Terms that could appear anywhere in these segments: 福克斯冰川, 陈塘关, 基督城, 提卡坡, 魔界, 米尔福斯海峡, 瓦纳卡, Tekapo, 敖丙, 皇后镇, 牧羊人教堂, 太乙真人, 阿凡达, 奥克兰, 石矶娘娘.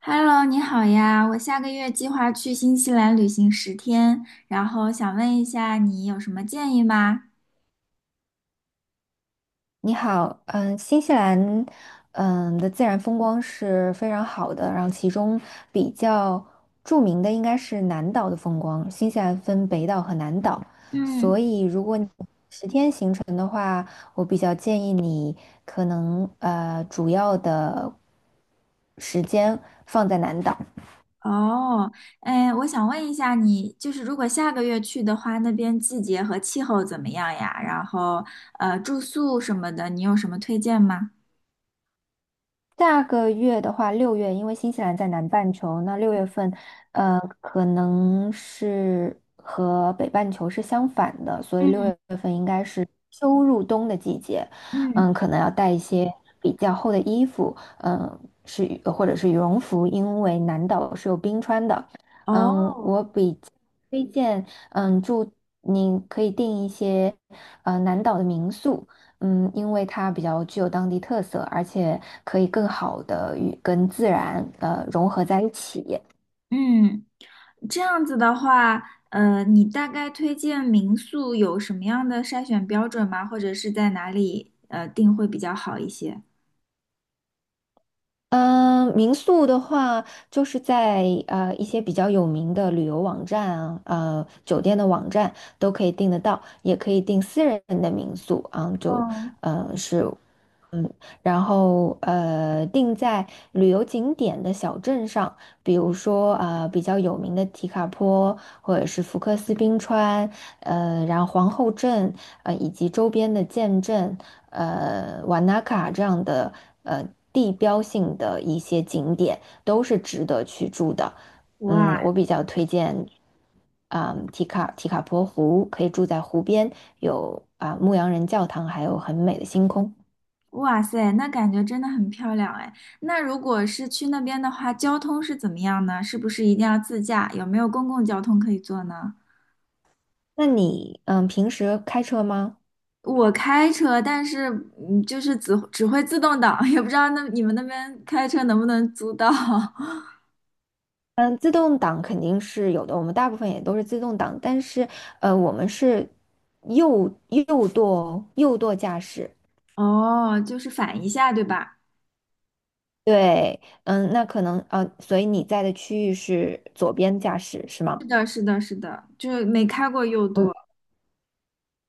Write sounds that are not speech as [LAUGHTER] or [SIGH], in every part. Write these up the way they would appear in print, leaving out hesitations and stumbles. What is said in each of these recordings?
Hello，你好呀！我下个月计划去新西兰旅行10天，然后想问一下你有什么建议吗？你好，新西兰，自然风光是非常好的，然后其中比较著名的应该是南岛的风光。新西兰分北岛和南岛，嗯，所以如果你十天行程的话，我比较建议你可能主要的时间放在南岛。哦，哎，我想问一下你，就是如果下个月去的话，那边季节和气候怎么样呀？然后，住宿什么的，你有什么推荐吗？下个月的话，六月，因为新西兰在南半球，那六月份，可能是和北半球是相反的，所以六嗯月份应该是秋入冬的季节，嗯，可能要带一些比较厚的衣服，嗯，是或者是羽绒服，因为南岛是有冰川的。哦，推荐，嗯，住你可以订一些南岛的民宿，嗯，因为它比较具有当地特色，而且可以更好的与跟自然融合在一起。嗯，这样子的话，你大概推荐民宿有什么样的筛选标准吗？或者是在哪里订会比较好一些？嗯，民宿的话，就是在一些比较有名的旅游网站啊，酒店的网站都可以订得到，也可以订私人的民宿啊，就哦，是。嗯，然后定在旅游景点的小镇上，比如说比较有名的提卡坡，或者是福克斯冰川，呃，然后皇后镇，以及周边的建镇，瓦纳卡这样的呃地标性的一些景点，都是值得去住的。哇嗯，我比较推荐，啊、提卡坡湖可以住在湖边，有啊、牧羊人教堂，还有很美的星空。哇塞，那感觉真的很漂亮哎。那如果是去那边的话，交通是怎么样呢？是不是一定要自驾？有没有公共交通可以坐呢？那你嗯，平时开车吗？我开车，但是就是只会自动挡，[LAUGHS] 也不知道那你们那边开车能不能租到。[LAUGHS] 嗯，自动挡肯定是有的，我们大部分也都是自动挡，但是我们是右舵驾驶。哦，就是反一下，对吧？对，嗯，那可能所以你在的区域是左边驾驶是是吗？的，是的，是的，就是没开过又嗯。多。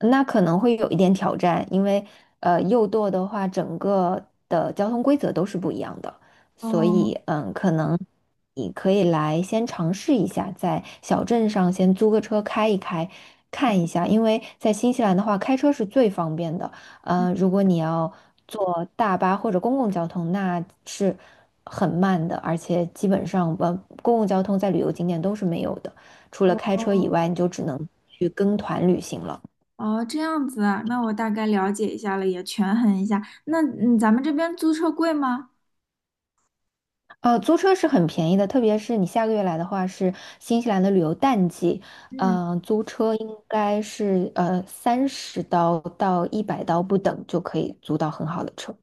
那可能会有一点挑战，因为右舵的话，整个的交通规则都是不一样的，所哦，以嗯，可能你可以来先尝试一下，在小镇上先租个车开一开，看一下，因为在新西兰的话，开车是最方便的。如果你要坐大巴或者公共交通，那是很慢的，而且基本上公共交通在旅游景点都是没有的，除了开车以哦，外，你就只能去跟团旅行了。哦，这样子啊，那我大概了解一下了，也权衡一下。那咱们这边租车贵吗？租车是很便宜的，特别是你下个月来的话，是新西兰的旅游淡季，嗯，租车应该是30刀到100刀不等就可以租到很好的车。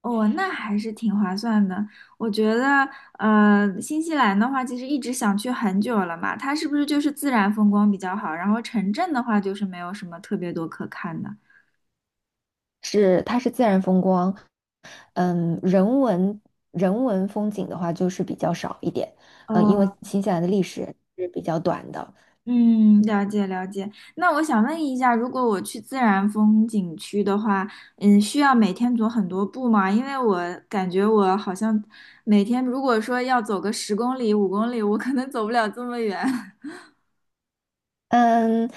哦，那还是挺划算的。我觉得，新西兰的话，其实一直想去很久了嘛，它是不是就是自然风光比较好？然后城镇的话，就是没有什么特别多可看的。是，它是自然风光，嗯，人文风景的话就是比较少一点，嗯，因为哦，新西兰的历史是比较短的。嗯，了解了解。那我想问一下，如果我去自然风景区的话，需要每天走很多步吗？因为我感觉我好像每天如果说要走个10公里、5公里，我可能走不了这么远。[LAUGHS] 嗯，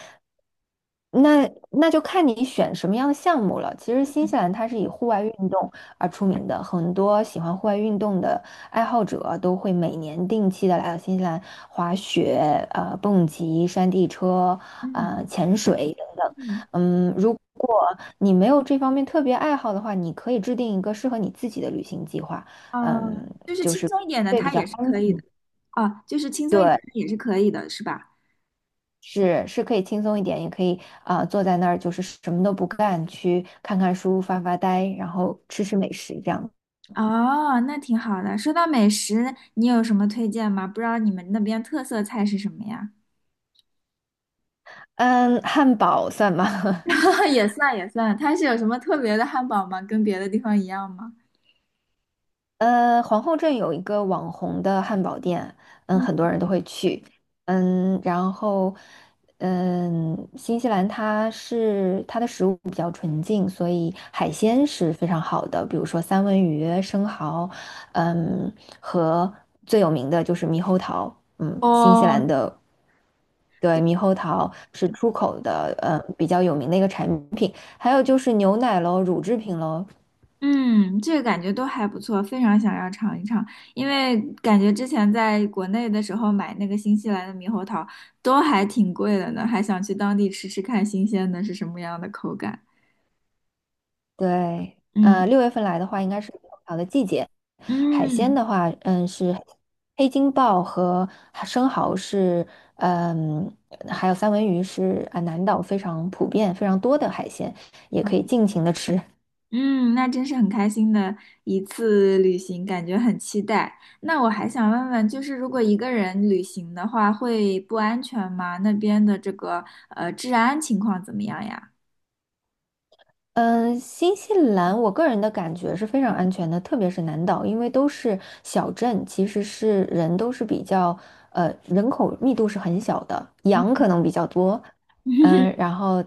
那那就看你选什么样的项目了。其实新西兰它是以户外运动而出名的，很多喜欢户外运动的爱好者啊都会每年定期的来到新西兰滑雪、蹦极、山地车、嗯潜水等等。嗯，嗯，如果你没有这方面特别爱好的话，你可以制定一个适合你自己的旅行计划。嗯，哦，就是就轻是松一点的，会比它较也是安可以的。全。哦，就是轻松一点对。的也是可以的，是吧？是是可以轻松一点，也可以啊、坐在那儿就是什么都不干，去看看书、发发呆，然后吃吃美食这样。哦，那挺好的。说到美食，你有什么推荐吗？不知道你们那边特色菜是什么呀？嗯，汉堡算吗？[LAUGHS] [LAUGHS] 也算也算，它是有什么特别的汉堡吗？跟别的地方一样吗？皇后镇有一个网红的汉堡店，嗯，嗯，很多人都会去。嗯，然后嗯，新西兰它是它的食物比较纯净，所以海鲜是非常好的，比如说三文鱼、生蚝，嗯，和最有名的就是猕猴桃。嗯，新西兰哦，的对，对，猕猴桃是出口的，比较有名的一个产品。还有就是牛奶喽，乳制品喽。嗯，这个感觉都还不错，非常想要尝一尝，因为感觉之前在国内的时候买那个新西兰的猕猴桃都还挺贵的呢，还想去当地吃吃看新鲜的是什么样的口感。对，嗯六月份来的话，应该是猕猴桃的季节。海鲜嗯。的话，嗯，是黑金鲍和生蚝是，嗯，还有三文鱼是啊，南岛非常普遍、非常多的海鲜，也可以尽情的吃。嗯，那真是很开心的一次旅行，感觉很期待。那我还想问问，就是如果一个人旅行的话，会不安全吗？那边的这个治安情况怎么样呀？嗯，新西兰，我个人的感觉是非常安全的，特别是南岛，因为都是小镇，其实是人都是比较，人口密度是很小的，羊嗯 可能比较多，嗯，[LAUGHS] 然后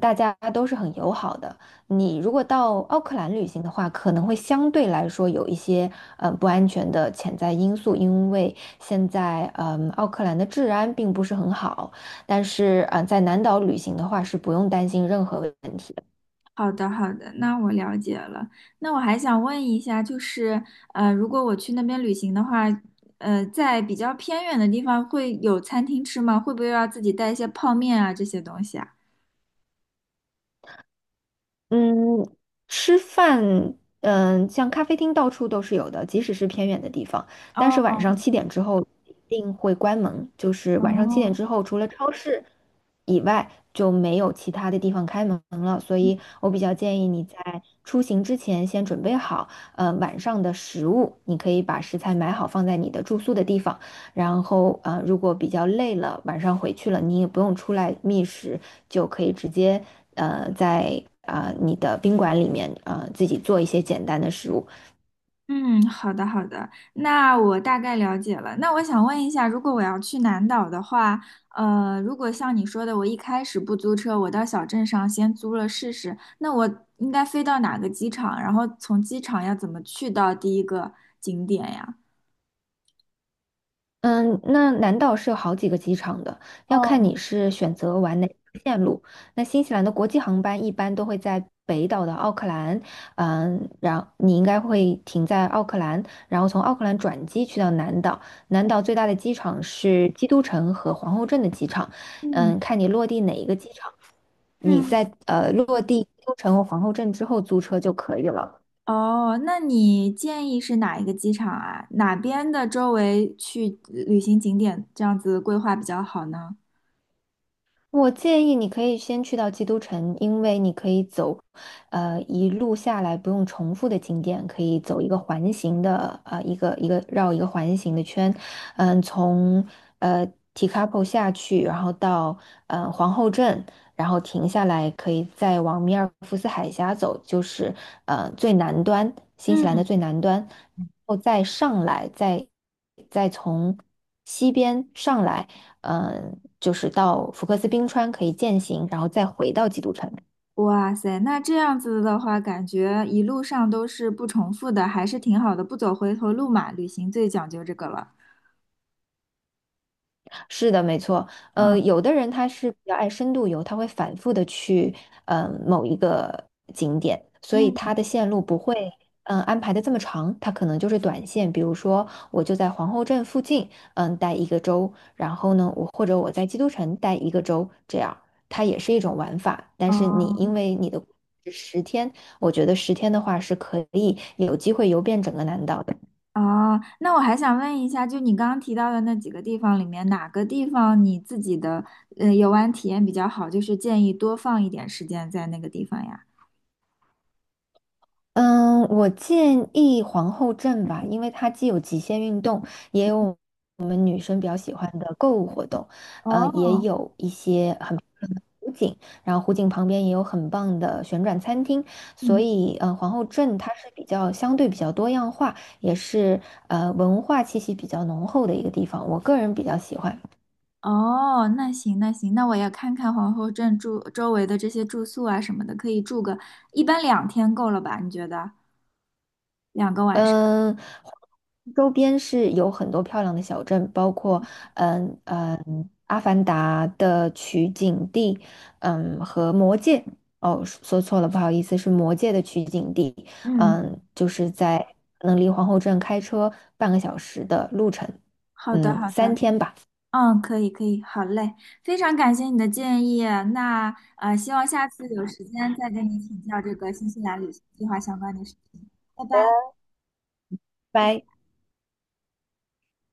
大家都是很友好的。你如果到奥克兰旅行的话，可能会相对来说有一些，不安全的潜在因素，因为现在，嗯，奥克兰的治安并不是很好，但是，在南岛旅行的话是不用担心任何问题。好的，好的，那我了解了。那我还想问一下，就是如果我去那边旅行的话，在比较偏远的地方会有餐厅吃吗？会不会要自己带一些泡面啊这些东西啊？嗯，吃饭，嗯，像咖啡厅到处都是有的，即使是偏远的地方。但是哦晚上七点之后一定会关门，就是晚上七哦，点之后，除了超市以外，就没有其他的地方开门了。所以我比较建议你在出行之前先准备好，晚上的食物，你可以把食材买好放在你的住宿的地方。然后如果比较累了，晚上回去了，你也不用出来觅食，就可以直接在啊、你的宾馆里面啊自己做一些简单的食物。嗯，好的好的，那我大概了解了。那我想问一下，如果我要去南岛的话，如果像你说的，我一开始不租车，我到小镇上先租了试试，那我应该飞到哪个机场？然后从机场要怎么去到第一个景点呀？嗯，那南岛是有好几个机场的，要看哦，你是选择玩哪个线路。那新西兰的国际航班一般都会在北岛的奥克兰，嗯，然后你应该会停在奥克兰，然后从奥克兰转机去到南岛。南岛最大的机场是基督城和皇后镇的机场，嗯嗯，看你落地哪一个机场，你嗯，在落地基督城和皇后镇之后租车就可以了。哦，那你建议是哪一个机场啊？哪边的周围去旅行景点这样子规划比较好呢？我建议你可以先去到基督城，因为你可以走，一路下来不用重复的景点，可以走一个环形的，一个绕一个环形的圈，嗯，从呃 Tekapo 下去，然后到皇后镇，然后停下来，可以再往米尔福斯海峡走，就是最南端，新西兰的嗯。最南端，然后再上来，再从西边上来。嗯，就是到福克斯冰川可以践行，然后再回到基督城。哇塞，那这样子的话，感觉一路上都是不重复的，还是挺好的，不走回头路嘛。旅行最讲究这个了。是的，没错。嗯，有的人他是比较爱深度游，他会反复的去某一个景点，所以嗯，他的线路不会嗯、安排的这么长，他可能就是短线。比如说，我就在皇后镇附近嗯、待一个周，然后呢，我或者我在基督城待一个周，这样它也是一种玩法。但是哦，你因为你的十天，我觉得十天的话是可以有机会游遍整个南岛的。哦，那我还想问一下，就你刚刚提到的那几个地方里面，哪个地方你自己的游玩体验比较好？就是建议多放一点时间在那个地方呀。嗯，我建议皇后镇吧，因为它既有极限运动，也有我们女生比较喜欢的购物活动，也哦，有一些很湖景，然后湖景旁边也有很棒的旋转餐厅，所嗯，以，皇后镇它是比较相对比较多样化，也是文化气息比较浓厚的一个地方，我个人比较喜欢。哦，那行那行，那我也看看皇后镇住周围的这些住宿啊什么的，可以住个一般2天够了吧？你觉得？嗯，周边是有很多漂亮的小镇，包括嗯嗯《阿凡达》的取景地，嗯和《魔界》哦，说错了，不好意思，是《魔界》的取景地。嗯。嗯，就是在可能离皇后镇开车半个小时的路程，好的，嗯，好的，3天吧。嗯，可以，可以，好嘞，非常感谢你的建议。那希望下次有时间再跟你请教这个新西兰旅行计划相关的事情。拜拜，拜拜。拜。